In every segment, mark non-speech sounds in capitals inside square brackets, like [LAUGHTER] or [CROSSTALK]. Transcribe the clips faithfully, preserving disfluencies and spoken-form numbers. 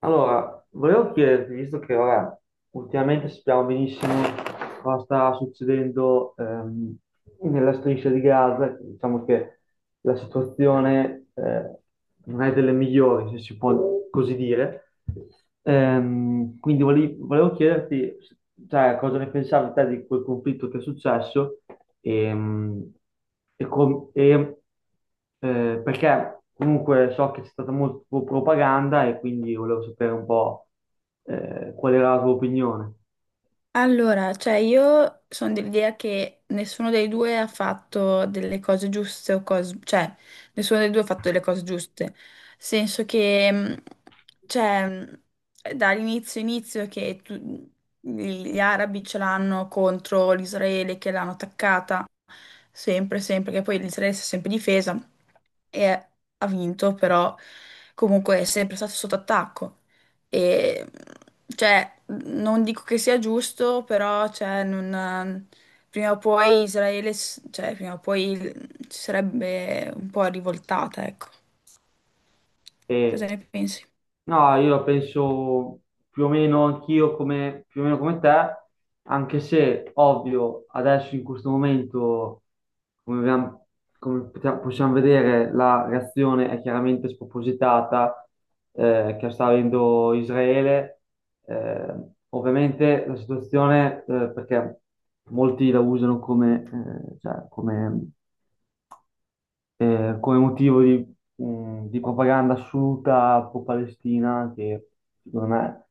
Allora, volevo chiederti, visto che ora ultimamente sappiamo benissimo cosa sta succedendo ehm, nella striscia di Gaza, diciamo che la situazione eh, non è delle migliori, se si può così dire. Ehm, quindi vole- volevo chiederti, cioè, cosa ne pensavi te di quel conflitto che è successo ehm, e, com- e eh, perché comunque so che c'è stata molta propaganda e quindi volevo sapere un po', eh, qual era la tua opinione. Allora, cioè io sono dell'idea che nessuno dei due ha fatto delle cose giuste o cose, cioè nessuno dei due ha fatto delle cose giuste. Nel senso che, mh, cioè, mh, dall'inizio inizio che tu- gli arabi ce l'hanno contro l'Israele che l'hanno attaccata, sempre, sempre, che poi l'Israele si è sempre difesa e ha vinto, però comunque è sempre stato sotto attacco. E cioè, non dico che sia giusto, però cioè, non- prima o poi Israele, s- cioè, prima o poi il- si sarebbe un po' rivoltata, ecco. Cosa E ne pensi? no, io la penso più o meno anch'io come, più o meno come te, anche se ovvio adesso in questo momento, come, abbiamo- come potia- possiamo vedere, la reazione è chiaramente spropositata eh, che sta avendo Israele. Eh, ovviamente la situazione, eh, perché molti la usano come, eh, cioè, come eh, come motivo di, mh, di propaganda assoluta pro-Palestina, che secondo me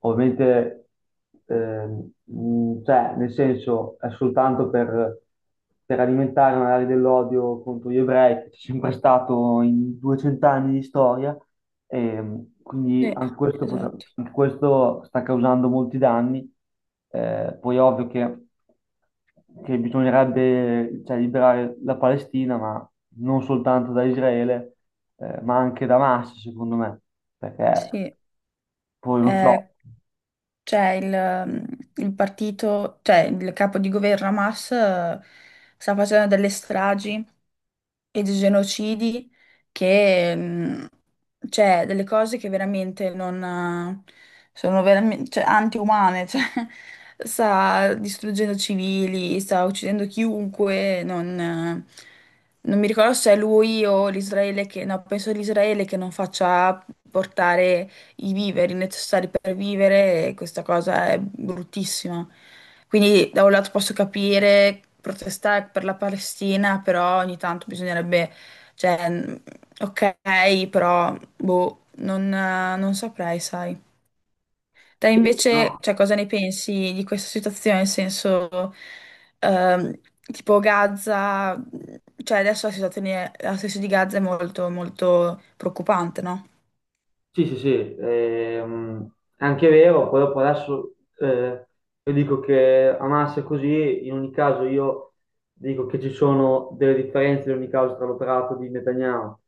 ovviamente, ehm, mh, cioè, nel senso, è soltanto per, per alimentare magari dell'odio contro gli ebrei, che c'è sempre stato in duecento anni di storia, e quindi Sì, anche questo, potrà- esatto. anche questo sta causando molti danni. Eh, poi è ovvio che, che bisognerebbe, cioè, liberare la Palestina, ma non soltanto da Israele, eh, ma anche da Hamas, secondo me, perché Sì, poi non so. eh, cioè, il, il partito, cioè il capo di governo Hamas eh, sta facendo delle stragi e dei genocidi che, mm, cioè, delle cose che veramente non eh, sono veramente, cioè, antiumane, [LAUGHS] cioè, sta distruggendo civili, sta uccidendo chiunque, non, eh, non mi ricordo se è lui o l'Israele che, no, penso l'Israele che non faccia portare i viveri necessari per vivere e questa cosa è bruttissima. Quindi da un lato posso capire protestare per la Palestina, però ogni tanto bisognerebbe, cioè, mh, ok, però boh, non, eh, non saprei, sai. Te Sì, invece, no, cioè, cosa ne pensi di questa situazione? Nel senso, ehm, tipo Gaza, cioè adesso la situazione, la situazione di Gaza è molto, molto preoccupante, no? sì, sì, sì, ehm, è anche vero, poi dopo adesso eh, io dico che Hamas è così, in ogni caso io dico che ci sono delle differenze di ogni causa tra l'operato di Netanyahu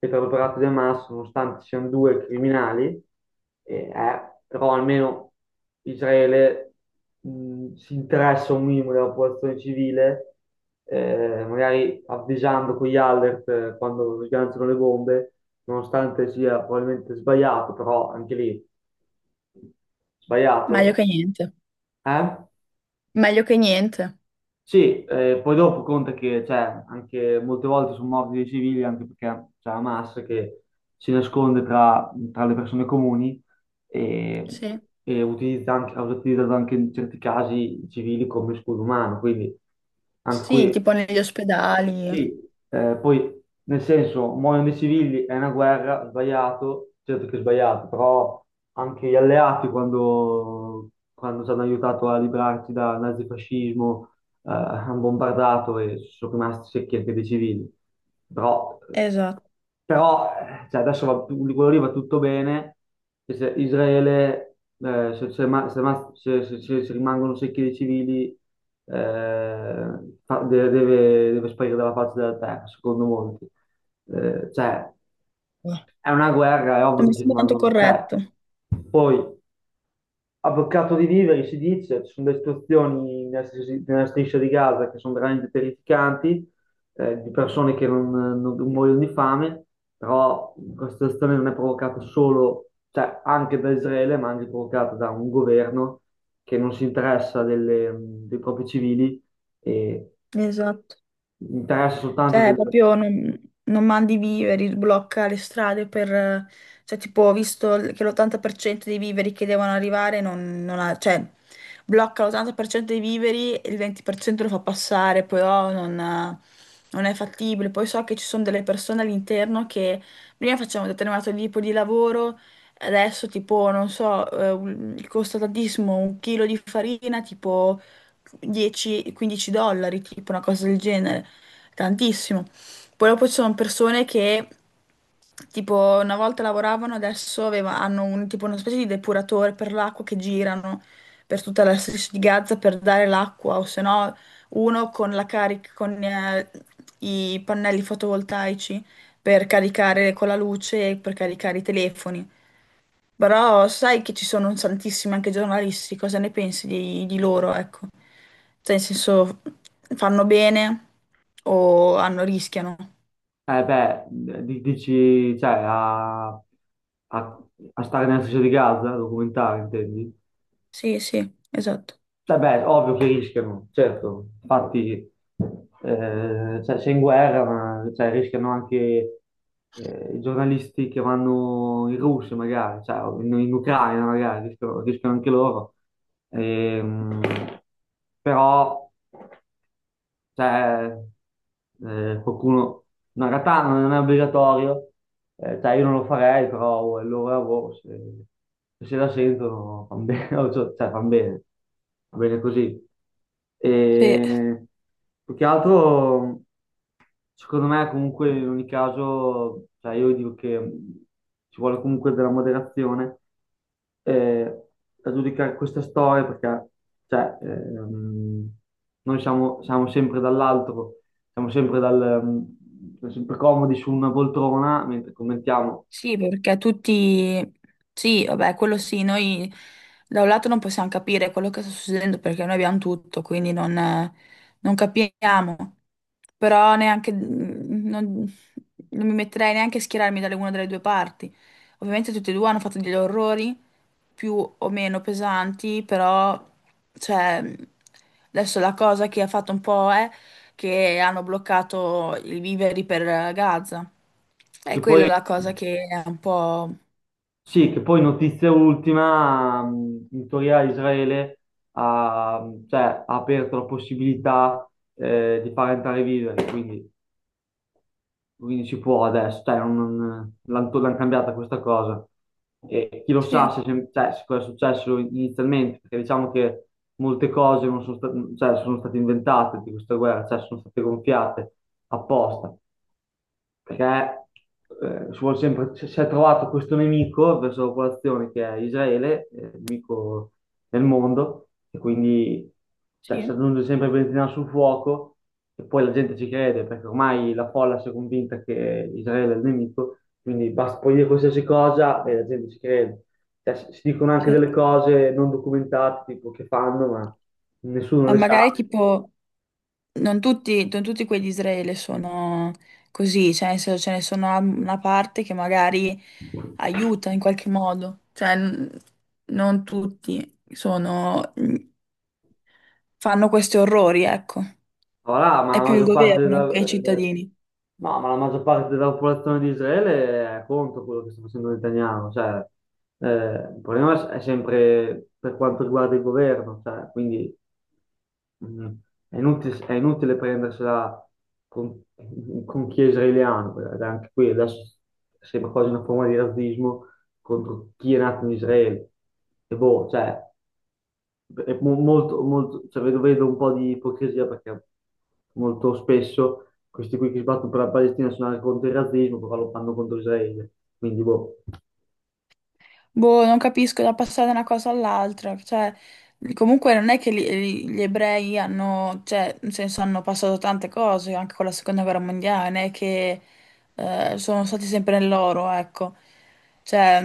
e tra l'operato di Hamas, nonostante siano due criminali, e, eh, però almeno Israele mh, si interessa un minimo della popolazione civile, eh, magari avvisando con gli alert eh, quando sganciano le bombe, nonostante sia probabilmente sbagliato, però anche lì Meglio sbagliato. che niente. Eh? Meglio che niente. Sì, eh, poi dopo conta che, cioè, anche molte volte sono morti dei civili anche perché c'è Hamas che si nasconde tra, tra le persone comuni e, Sì, e utilizza anche, ha utilizzato anche in certi casi i civili come scudo umano, quindi anche sì, qui tipo negli ospedali. sì, eh, poi nel senso, muoiono dei civili, è una guerra, sbagliato, certo che è sbagliato, però anche gli alleati quando, quando ci hanno aiutato a librarci dal nazifascismo eh, hanno bombardato e sono rimasti secchi anche dei civili. Però Esatto. però eh, cioè, adesso va, quello lì va tutto bene, e se Israele, eh, se, se ma- se ma- se- se- se- se rimangono secchi dei civili, eh, fa- de- deve, deve sparire dalla faccia della terra, secondo molti. Eh, cioè, Ah, è una guerra, è Non ovvio mi che ci sembra tanto rimangono. Cioè, corretto. poi a boccato di viveri, si dice, ci sono delle situazioni nella striscia nella striscia di Gaza che sono veramente terrificanti, eh, di persone che non, non- non muoiono di fame, però questa situazione non è provocata solo, cioè anche da Israele, ma anche provocata da un governo che non si interessa delle- dei propri civili e Esatto. interessa soltanto Cioè, del... proprio non, non mandi i viveri, blocca le strade per, eh, cioè, tipo, ho visto l- che l'ottanta per cento dei viveri che devono arrivare non, non ha. Cioè, blocca l'ottanta per cento dei viveri e il venti per cento lo fa passare, poi oh, non, eh, non è fattibile. Poi so che ci sono delle persone all'interno che prima facevano un determinato tipo di lavoro, adesso, tipo, non so, eh, un- costa tantissimo un chilo di farina, tipo, dieci o quindici dollari, tipo una cosa del genere tantissimo. Poi dopo ci sono persone che tipo una volta lavoravano, adesso aveva- hanno un- tipo una specie di depuratore per l'acqua che girano per tutta la striscia di Gaza per dare l'acqua, o se no uno con la carica, con eh, i pannelli fotovoltaici per caricare con la luce e per caricare i telefoni. Però sai che ci sono un tantissimi anche giornalisti, cosa ne pensi di, di loro, ecco? Cioè, nel senso, fanno bene o hanno, rischiano. Eh beh, di- dici, cioè, a, a- a stare nella striscia di Gaza, a documentare, intendi? Sì, sì, esatto. Vabbè, ovvio che rischiano, certo, infatti eh, cioè, sei in guerra, ma cioè, rischiano anche eh, i giornalisti che vanno in Russia magari, cioè, o in, in Ucraina magari, rischiano, rischiano anche loro. Ehm, però cioè, eh, qualcuno... No, in realtà non è obbligatorio, eh, cioè io non lo farei, però è il loro lavoro, se, se la sentono fan bene, [LAUGHS] cioè fan bene, va bene così. Sì. E più che altro... Secondo me, comunque, in ogni caso, cioè io dico che, mh, ci vuole comunque della moderazione eh, a giudicare queste storie perché, cioè, ehm, noi siamo, siamo sempre dall'alto, siamo sempre, dal, mh, siamo sempre comodi su una poltrona mentre commentiamo. Sì, perché tutti. Sì, vabbè, quello sì, noi da un lato non possiamo capire quello che sta succedendo perché noi abbiamo tutto, quindi non, eh, non capiamo. Però neanche, mm, Non, non mi metterei neanche a schierarmi dalle una delle due parti. Ovviamente tutti e due hanno fatto degli orrori più o meno pesanti, però. Cioè, adesso la cosa che ha fatto un po' è, che hanno bloccato i viveri per Gaza. E Che quella poi, è la cosa che è un po'. sì, che poi notizia ultima, mh, in teoria Israele ha, cioè, ha aperto la possibilità eh, di far entrare viveri, quindi quindi si può adesso, cioè, non, non- l'han l'han cambiata questa cosa. E chi lo sa Sì, se, se- cioè, se cosa è successo inizialmente, perché diciamo che molte cose non sono, sta- cioè, sono state inventate di questa guerra, cioè sono state gonfiate apposta perché, eh, si vuol sempre, si si è trovato questo nemico verso la popolazione che è Israele, eh, nemico nel mondo, e quindi cioè, si sì, aggiunge sempre benzina sul fuoco e poi la gente ci crede perché ormai la folla si è convinta che Israele è il nemico, quindi basta poi dire qualsiasi cosa e la gente ci crede. Cioè, si si dicono anche sì. delle cose non documentate, tipo che fanno, ma nessuno Ma le sa. magari tipo, non tutti, non tutti quelli di Israele sono così, cioè nel senso, ce ne sono una una parte che magari aiuta in qualche modo, cioè n- non tutti sono, fanno questi orrori, ecco. Voilà, ma È la più il maggior parte della, governo che i eh, cittadini. no, ma la maggior parte della popolazione di Israele è contro quello che sta facendo Netanyahu, cioè, eh, il problema è sempre per quanto riguarda il governo, cioè, quindi, mm, è inutile, è inutile prendersela con, con chi è israeliano, perché anche qui adesso sembra quasi una forma di razzismo contro chi è nato in Israele. E boh, cioè, è mo- molto, molto, cioè, vedo, vedo un po' di ipocrisia perché molto spesso questi qui che sbattono per la Palestina sono contro il razzismo, però lo fanno contro Israele. Quindi, boh. Boh, non capisco da passare da una cosa all'altra, cioè, comunque non è che gli, gli ebrei hanno, cioè, nel senso hanno passato tante cose, anche con la seconda guerra mondiale, non è che eh, sono stati sempre nel loro, ecco. Cioè,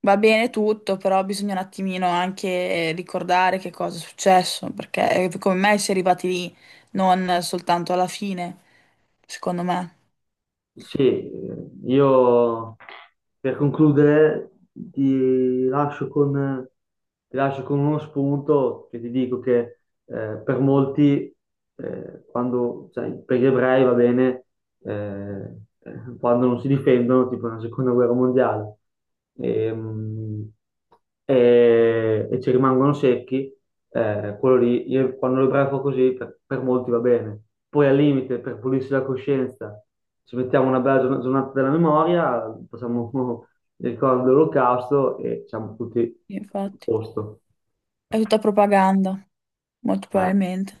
va bene tutto, però bisogna un attimino anche ricordare che cosa è successo, perché eh, come mai si è arrivati lì, non soltanto alla fine, secondo me. Sì, eh, io per concludere ti lascio con, ti lascio con uno spunto che ti dico che, eh, per molti, eh, quando, cioè, per gli ebrei va bene, eh, eh, quando non si difendono, tipo nella seconda guerra mondiale, Ehm, e, e ci rimangono secchi, eh, quello lì, io- quando l'ebreo fa così, per, per molti va bene. Poi al limite, per pulirsi la coscienza, ci mettiamo una bella giorn- giornata della memoria, facciamo [LAUGHS] il ricordo dell'Olocausto e siamo tutti Sì, a Infatti, posto. è tutta propaganda, molto Eh. probabilmente.